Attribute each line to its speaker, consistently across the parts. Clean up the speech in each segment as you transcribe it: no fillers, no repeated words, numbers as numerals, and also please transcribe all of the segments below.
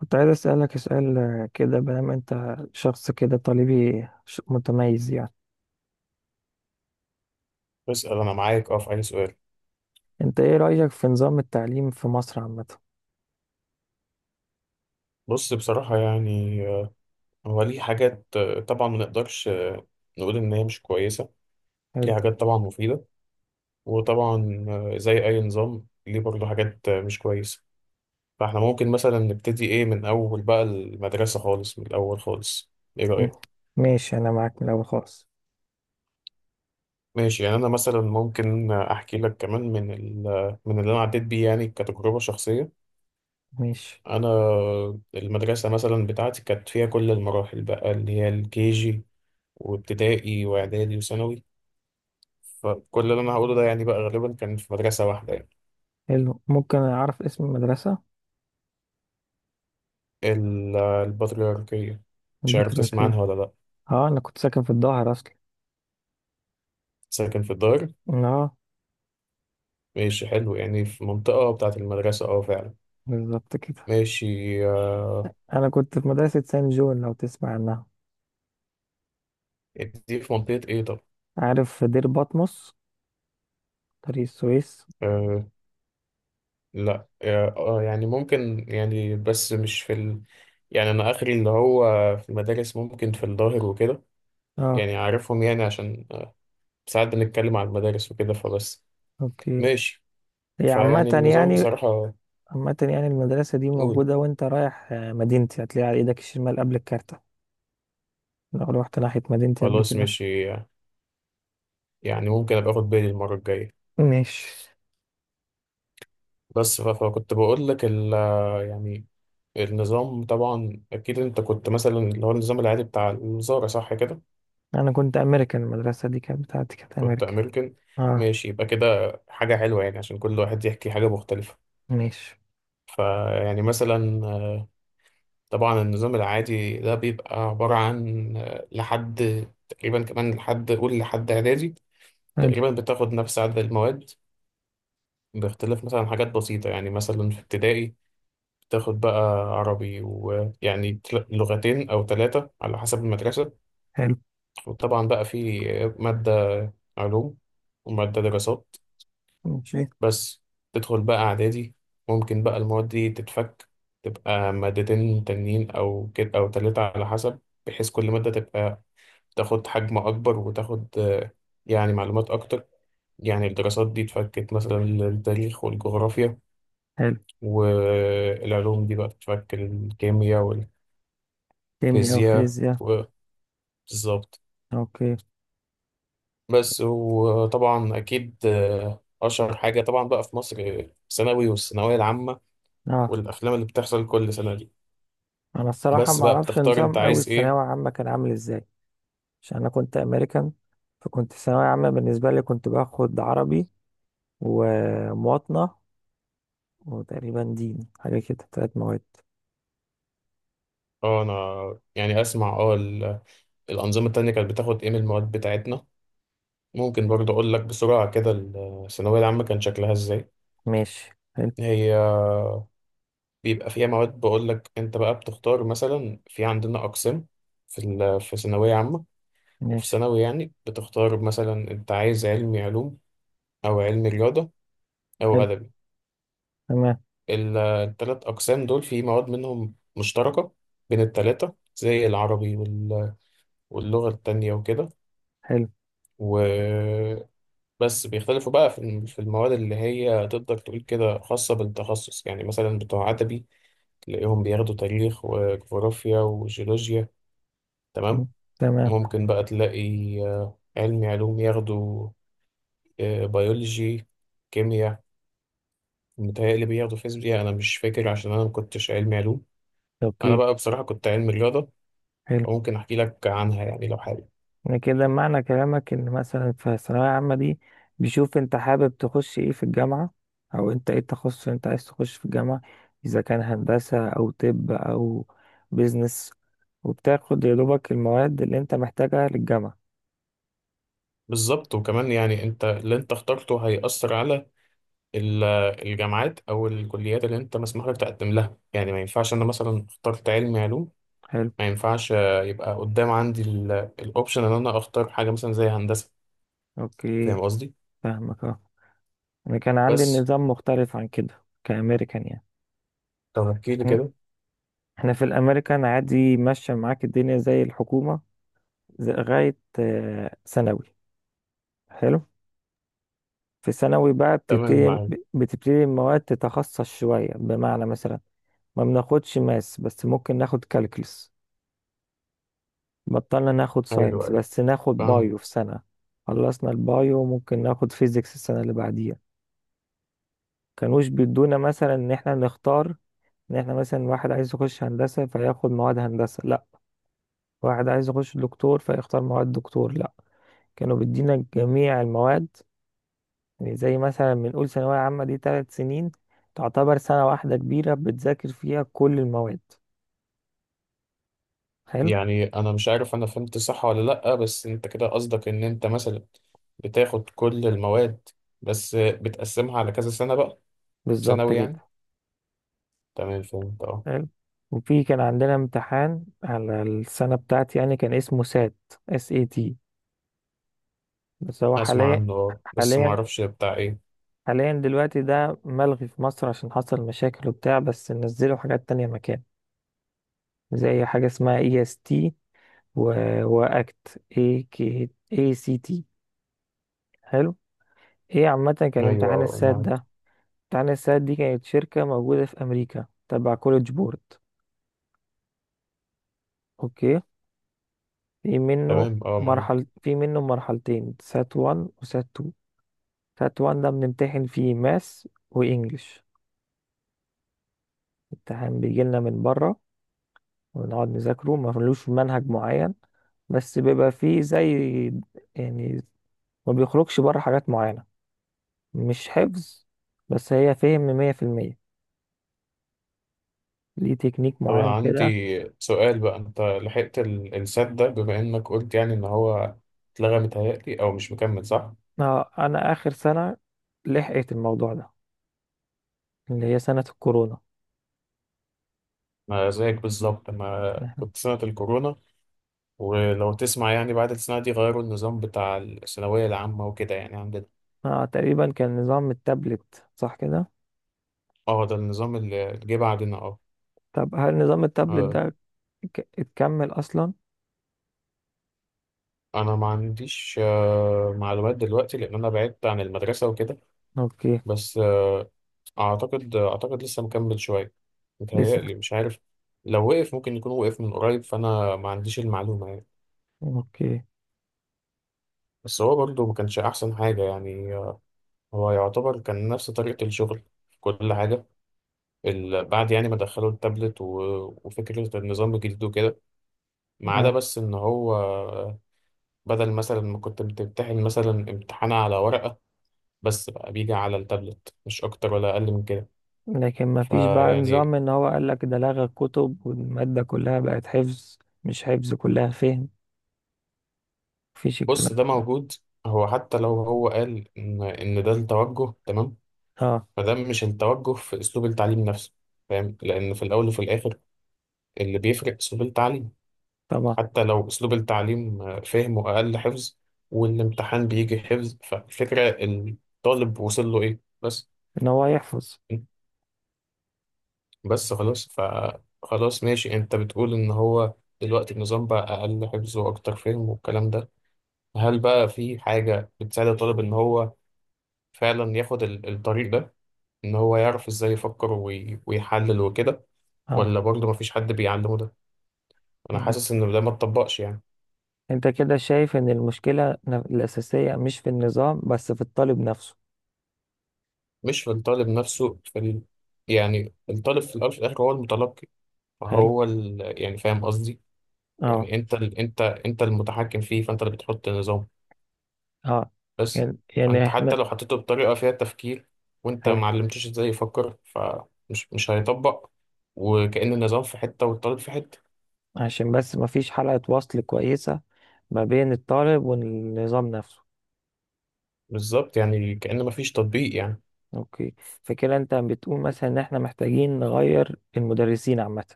Speaker 1: كنت عايز أسألك سؤال كده، بما أنت شخص كده طالبي متميز يعني،
Speaker 2: اسأل، أنا معاك في أي سؤال.
Speaker 1: أنت إيه رأيك في نظام التعليم في مصر عامة؟
Speaker 2: بص، بصراحة يعني هو ليه حاجات طبعا ما نقدرش نقول إن هي مش كويسة.
Speaker 1: حلو.
Speaker 2: ليه حاجات طبعا مفيدة. وطبعا زي أي نظام ليه برضه حاجات مش كويسة. فإحنا ممكن مثلا نبتدي إيه من أول بقى المدرسة خالص، من الأول خالص. إيه
Speaker 1: م-
Speaker 2: رأيك؟
Speaker 1: ماشي، أنا معاك من الأول خالص.
Speaker 2: ماشي، يعني أنا مثلا ممكن أحكي لك كمان من من اللي أنا عديت بيه، يعني كتجربة شخصية.
Speaker 1: ماشي.
Speaker 2: أنا، المدرسة مثلا بتاعتي كانت فيها كل المراحل بقى، اللي هي الكي جي وابتدائي واعدادي وثانوي. فكل اللي انا هقوله ده يعني بقى غالبا كان في مدرسة واحدة يعني.
Speaker 1: حلو، ممكن أعرف اسم المدرسة؟
Speaker 2: البطريركية. مش عارف تسمع
Speaker 1: البطريركية.
Speaker 2: عنها ولا لا.
Speaker 1: أه، أنا كنت ساكن في الظاهر أصلا.
Speaker 2: ساكن في الدار.
Speaker 1: أه.
Speaker 2: ماشي، حلو يعني. في منطقة بتاعة المدرسة، اه فعلا.
Speaker 1: بالظبط كده.
Speaker 2: ماشي. آه.
Speaker 1: أنا كنت في مدرسة سان جون، لو تسمع عنها.
Speaker 2: دي في منطقة ايه طب؟
Speaker 1: عارف دير بطمس، طريق السويس.
Speaker 2: آه. لا، اه، يعني ممكن، يعني بس مش في يعني انا اخري اللي هو. في المدارس ممكن، في الظاهر وكده.
Speaker 1: أه.
Speaker 2: يعني عارفهم يعني، عشان ساعات بنتكلم عن المدارس وكده فبس.
Speaker 1: أوكي.
Speaker 2: ماشي.
Speaker 1: هي عامة
Speaker 2: فيعني النظام
Speaker 1: يعني.
Speaker 2: بصراحة.
Speaker 1: عامة يعني المدرسة دي
Speaker 2: قول.
Speaker 1: موجودة، وانت رايح مدينتي، هتلاقيها على ايدك الشمال قبل الكارتة. لو روحت ناحية مدينتي قبل
Speaker 2: خلاص
Speaker 1: كده.
Speaker 2: ماشي. يعني ممكن أبقى أخد بالي المرة الجاية.
Speaker 1: ماشي.
Speaker 2: بس فكنت بقول لك يعني، النظام طبعا أكيد، أنت كنت مثلا اللي هو النظام العادي بتاع الوزارة، صح كده؟
Speaker 1: انا كنت امريكان، المدرسة دي كانت بتاعتي كانت
Speaker 2: كنت
Speaker 1: امريكا.
Speaker 2: أمريكان.
Speaker 1: اه.
Speaker 2: ماشي يبقى كده. حاجة حلوة يعني، عشان كل واحد يحكي حاجة مختلفة.
Speaker 1: ماشي.
Speaker 2: فيعني مثلا. طبعا النظام العادي ده بيبقى عبارة عن، لحد تقريبا كمان لحد، قول لحد إعدادي.
Speaker 1: حلو.
Speaker 2: تقريبا بتاخد نفس عدد المواد، باختلاف مثلا حاجات بسيطة، يعني مثلا في ابتدائي تاخد بقى عربي، ويعني لغتين أو ثلاثة على حسب المدرسة.
Speaker 1: حلو.
Speaker 2: وطبعا بقى في مادة علوم ومادة دراسات.
Speaker 1: ماشي.
Speaker 2: بس تدخل بقى إعدادي، ممكن بقى المواد دي تتفك، تبقى مادتين تانيين أو كده، أو تلاتة على حسب. بحيث كل مادة تبقى تاخد حجم أكبر، وتاخد يعني معلومات أكتر. يعني الدراسات دي اتفكت مثلا للتاريخ والجغرافيا،
Speaker 1: حلو.
Speaker 2: والعلوم دي بقى بتشكل الكيمياء
Speaker 1: كيمياء
Speaker 2: والفيزياء
Speaker 1: وفيزياء.
Speaker 2: بالظبط.
Speaker 1: اوكي.
Speaker 2: بس، وطبعا أكيد أشهر حاجة طبعا بقى في مصر، ثانوي والثانوية العامة،
Speaker 1: اه،
Speaker 2: والأفلام اللي بتحصل كل سنة دي.
Speaker 1: انا الصراحة
Speaker 2: بس
Speaker 1: ما
Speaker 2: بقى
Speaker 1: اعرفش
Speaker 2: بتختار أنت
Speaker 1: نظام قوي
Speaker 2: عايز
Speaker 1: الثانوية
Speaker 2: إيه.
Speaker 1: العامة كان عامل ازاي. عشان انا كنت امريكان، فكنت ثانوية عامة بالنسبة لي كنت باخد عربي، ومواطنة، وتقريبا دين، حاجة كده تلات مواد.
Speaker 2: اه، أنا يعني أسمع الأنظمة التانية كانت بتاخد إيه من المواد بتاعتنا. ممكن برضه أقول لك بسرعة كده، الثانوية العامة كان شكلها إزاي.
Speaker 1: ماشي.
Speaker 2: هي بيبقى فيها مواد، بقول لك انت بقى بتختار مثلا، في عندنا اقسام في ثانويه عامه. وفي
Speaker 1: ماشي.
Speaker 2: ثانوي يعني بتختار مثلا انت عايز علمي علوم، او علمي رياضه، او
Speaker 1: حلو.
Speaker 2: ادبي.
Speaker 1: تمام.
Speaker 2: الثلاث اقسام دول في مواد منهم مشتركه بين الثلاثه، زي العربي واللغه التانية وكده.
Speaker 1: حلو.
Speaker 2: وبس، بيختلفوا بقى في المواد اللي هي تقدر تقول كده خاصه بالتخصص، يعني مثلا بتوع ادبي تلاقيهم بياخدوا تاريخ وجغرافيا وجيولوجيا، تمام.
Speaker 1: مم. تمام.
Speaker 2: ممكن بقى تلاقي علمي علوم ياخدوا بيولوجي، كيمياء. متهيألي بياخدوا فيزياء، أنا مش فاكر عشان أنا مكنتش علمي علوم. أنا
Speaker 1: اوكي.
Speaker 2: بقى بصراحة كنت علمي رياضة،
Speaker 1: حلو.
Speaker 2: وممكن أحكي لك عنها يعني لو حابب.
Speaker 1: يعني كده معنى كلامك ان مثلا في الثانوية العامة دي بيشوف انت حابب تخش ايه في الجامعة، او انت ايه التخصص اللي انت عايز تخش في الجامعة، اذا كان هندسة او طب او بيزنس، وبتاخد يا دوبك المواد اللي انت محتاجها للجامعة.
Speaker 2: بالظبط، وكمان يعني أنت اللي أنت اخترته هيأثر على ال- الجامعات أو الكليات اللي أنت مسموح لك تقدم لها. يعني ما ينفعش أنا مثلا اخترت علمي علوم،
Speaker 1: حلو.
Speaker 2: ما ينفعش يبقى قدام عندي الأوبشن إن أنا أختار حاجة مثلا زي هندسة.
Speaker 1: اوكي.
Speaker 2: فاهم قصدي؟
Speaker 1: فاهمك. اه، انا كان عندي
Speaker 2: بس
Speaker 1: النظام مختلف عن كده كأمريكان يعني.
Speaker 2: طب احكي لي
Speaker 1: احنا
Speaker 2: كده.
Speaker 1: إحنا في الامريكان عادي ماشية معاك الدنيا زي الحكومة لغاية ثانوي. حلو. في ثانوي بقى
Speaker 2: تمام معاك.
Speaker 1: بتبتدي المواد تتخصص شوية، بمعنى مثلا ما بناخدش ماس، بس ممكن ناخد كالكلس. بطلنا ناخد
Speaker 2: ايوه،
Speaker 1: ساينس،
Speaker 2: ايوه،
Speaker 1: بس ناخد
Speaker 2: فاهم.
Speaker 1: بايو في سنة. خلصنا البايو، ممكن ناخد فيزيكس السنة اللي بعديها. كانوش بيدونا مثلا ان احنا نختار، ان احنا مثلا واحد عايز يخش هندسة فياخد مواد هندسة، لا. واحد عايز يخش دكتور فيختار مواد دكتور، لا. كانوا بيدينا جميع المواد. يعني زي مثلا بنقول ثانوية عامة دي 3 سنين، تعتبر سنة واحدة كبيرة بتذاكر فيها كل المواد. حلو.
Speaker 2: يعني انا مش عارف انا فهمت صح ولا لا، بس انت كده قصدك ان انت مثلا بتاخد كل المواد، بس بتقسمها على كذا سنه بقى،
Speaker 1: بالظبط
Speaker 2: ثانوي
Speaker 1: كده.
Speaker 2: يعني. تمام فهمت اه.
Speaker 1: حلو. وفي كان عندنا امتحان على السنة بتاعتي، يعني كان اسمه سات، SAT. بس هو
Speaker 2: اسمع عنه اه، بس ما
Speaker 1: حاليا
Speaker 2: اعرفش بتاع ايه.
Speaker 1: حاليا دلوقتي ده ملغي في مصر عشان حصل مشاكل وبتاع، بس نزلوا حاجات تانية مكان، زي حاجة اسمها EST، واكت اي كي اي سي تي. حلو. ايه عامة كان
Speaker 2: ايوه،
Speaker 1: امتحان السات
Speaker 2: معاك.
Speaker 1: ده؟ تعني الساعات دي كانت شركة موجودة في أمريكا، تبع كوليدج بورد. أوكي. في منه
Speaker 2: تمام اه معاك.
Speaker 1: في منه مرحلتين، سات 1 وسات 2. سات 1 ده بنمتحن فيه ماس وإنجلش، امتحان بيجيلنا من بره، ونقعد نذاكره، ملوش منهج معين، بس بيبقى فيه زي يعني، ما بيخرجش بره حاجات معينة، مش حفظ، بس هي فهم 100%، ليه تكنيك
Speaker 2: طب انا
Speaker 1: معين كده.
Speaker 2: عندي سؤال بقى. انت لحقت السات ده، بما انك قلت يعني ان هو اتلغى متهيألي او مش مكمل، صح؟
Speaker 1: أنا آخر سنة لحقت الموضوع ده، اللي هي سنة الكورونا.
Speaker 2: ما زيك بالظبط، ما
Speaker 1: احنا
Speaker 2: كنت سنة الكورونا. ولو تسمع يعني، بعد السنة دي غيروا النظام بتاع الثانوية العامة وكده، يعني عندنا.
Speaker 1: تقريبا كان نظام التابلت صح كده.
Speaker 2: اه، ده النظام اللي جه بعدنا اه.
Speaker 1: طب هل نظام التابلت
Speaker 2: آه.
Speaker 1: ده اتكمل اصلا؟
Speaker 2: انا ما عنديش معلومات دلوقتي، لان انا بعدت عن المدرسة وكده.
Speaker 1: اوكي.
Speaker 2: بس، اعتقد لسه مكمل شوية،
Speaker 1: لسه.
Speaker 2: متهيألي، مش عارف. لو وقف ممكن يكون وقف من قريب، فانا ما عنديش المعلومة يعني.
Speaker 1: اوكي.
Speaker 2: بس هو برضه ما كانش احسن حاجة يعني، هو يعتبر كان نفس طريقة الشغل في كل حاجة بعد يعني ما دخلوا التابلت وفكرة النظام الجديد وكده، ما عدا
Speaker 1: اه.
Speaker 2: بس ان هو بدل مثلا ما كنت بتمتحن مثلا امتحان على ورقة، بس بقى بيجي على التابلت، مش اكتر ولا اقل من كده.
Speaker 1: لكن ما فيش بقى نظام
Speaker 2: فيعني،
Speaker 1: ان هو قال لك ده لغى الكتب والمادة كلها بقت حفظ، مش حفظ كلها فهم، مفيش
Speaker 2: بص،
Speaker 1: الكلام ده
Speaker 2: ده
Speaker 1: خالص.
Speaker 2: موجود. هو حتى لو هو قال ان ده التوجه، تمام،
Speaker 1: اه.
Speaker 2: فده مش التوجه في اسلوب التعليم نفسه. فاهم، لان في الاول وفي الاخر، اللي بيفرق اسلوب التعليم،
Speaker 1: طبعا.
Speaker 2: حتى لو اسلوب التعليم فهمه اقل حفظ والامتحان بيجي حفظ، فالفكرة الطالب وصل له ايه بس.
Speaker 1: ان هو يحفظ.
Speaker 2: بس خلاص. خلاص ماشي، انت بتقول ان هو دلوقتي النظام بقى اقل حفظ واكتر فهم والكلام ده، هل بقى في حاجة بتساعد الطالب ان هو فعلا ياخد الطريق ده، ان هو يعرف ازاي يفكر ويحلل وكده؟
Speaker 1: اه.
Speaker 2: ولا برضه مفيش حد بيعلمه ده؟ انا
Speaker 1: يعني
Speaker 2: حاسس ان ده ما اتطبقش يعني.
Speaker 1: انت كده شايف ان المشكلة الأساسية مش في النظام، بس في الطالب نفسه.
Speaker 2: مش في الطالب نفسه، في يعني الطالب في الاول وفي الاخر هو المتلقي،
Speaker 1: حلو.
Speaker 2: فهو يعني، فاهم قصدي.
Speaker 1: اه.
Speaker 2: يعني انت انت المتحكم فيه، فانت اللي بتحط النظام.
Speaker 1: اه.
Speaker 2: بس
Speaker 1: يعني
Speaker 2: فانت حتى
Speaker 1: احنا.
Speaker 2: لو حطيته بطريقة فيها تفكير وانت
Speaker 1: حلو.
Speaker 2: ما علمتوش ازاي يفكر، فمش مش هيطبق، وكأن النظام في حتة والطالب في حتة.
Speaker 1: عشان بس مفيش حلقة وصل كويسة ما بين الطالب والنظام نفسه.
Speaker 2: بالظبط، يعني كأن مفيش تطبيق يعني.
Speaker 1: اوكي. فكده انت بتقول مثلا ان احنا محتاجين نغير المدرسين عامة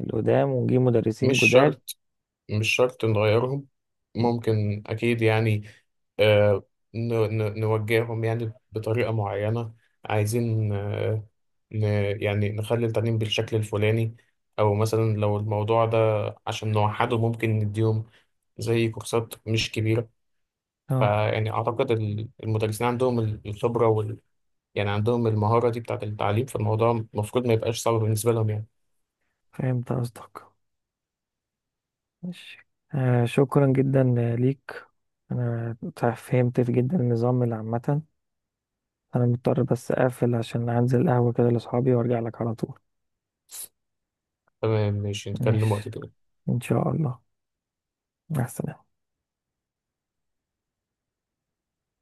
Speaker 1: القدام، ونجيب مدرسين
Speaker 2: مش
Speaker 1: جداد.
Speaker 2: شرط، مش شرط نغيرهم،
Speaker 1: اوكي.
Speaker 2: ممكن أكيد يعني آه، نوجههم يعني بطريقة معينة. عايزين يعني نخلي التعليم بالشكل الفلاني. أو مثلا لو الموضوع ده عشان نوحده، ممكن نديهم زي كورسات مش كبيرة.
Speaker 1: اه.
Speaker 2: فيعني أعتقد المدرسين عندهم الخبرة يعني عندهم المهارة دي بتاعة التعليم، فالموضوع المفروض ما يبقاش صعب بالنسبة لهم يعني.
Speaker 1: فهمت قصدك. ماشي. شكرا جدا ليك. انا فهمت جدا النظام اللي عامة. انا مضطر بس اقفل عشان انزل قهوة كده لاصحابي، وارجع لك على طول.
Speaker 2: تمام ماشي، نتكلم وقت
Speaker 1: ماشي.
Speaker 2: تاني.
Speaker 1: ان شاء الله. مع السلامة.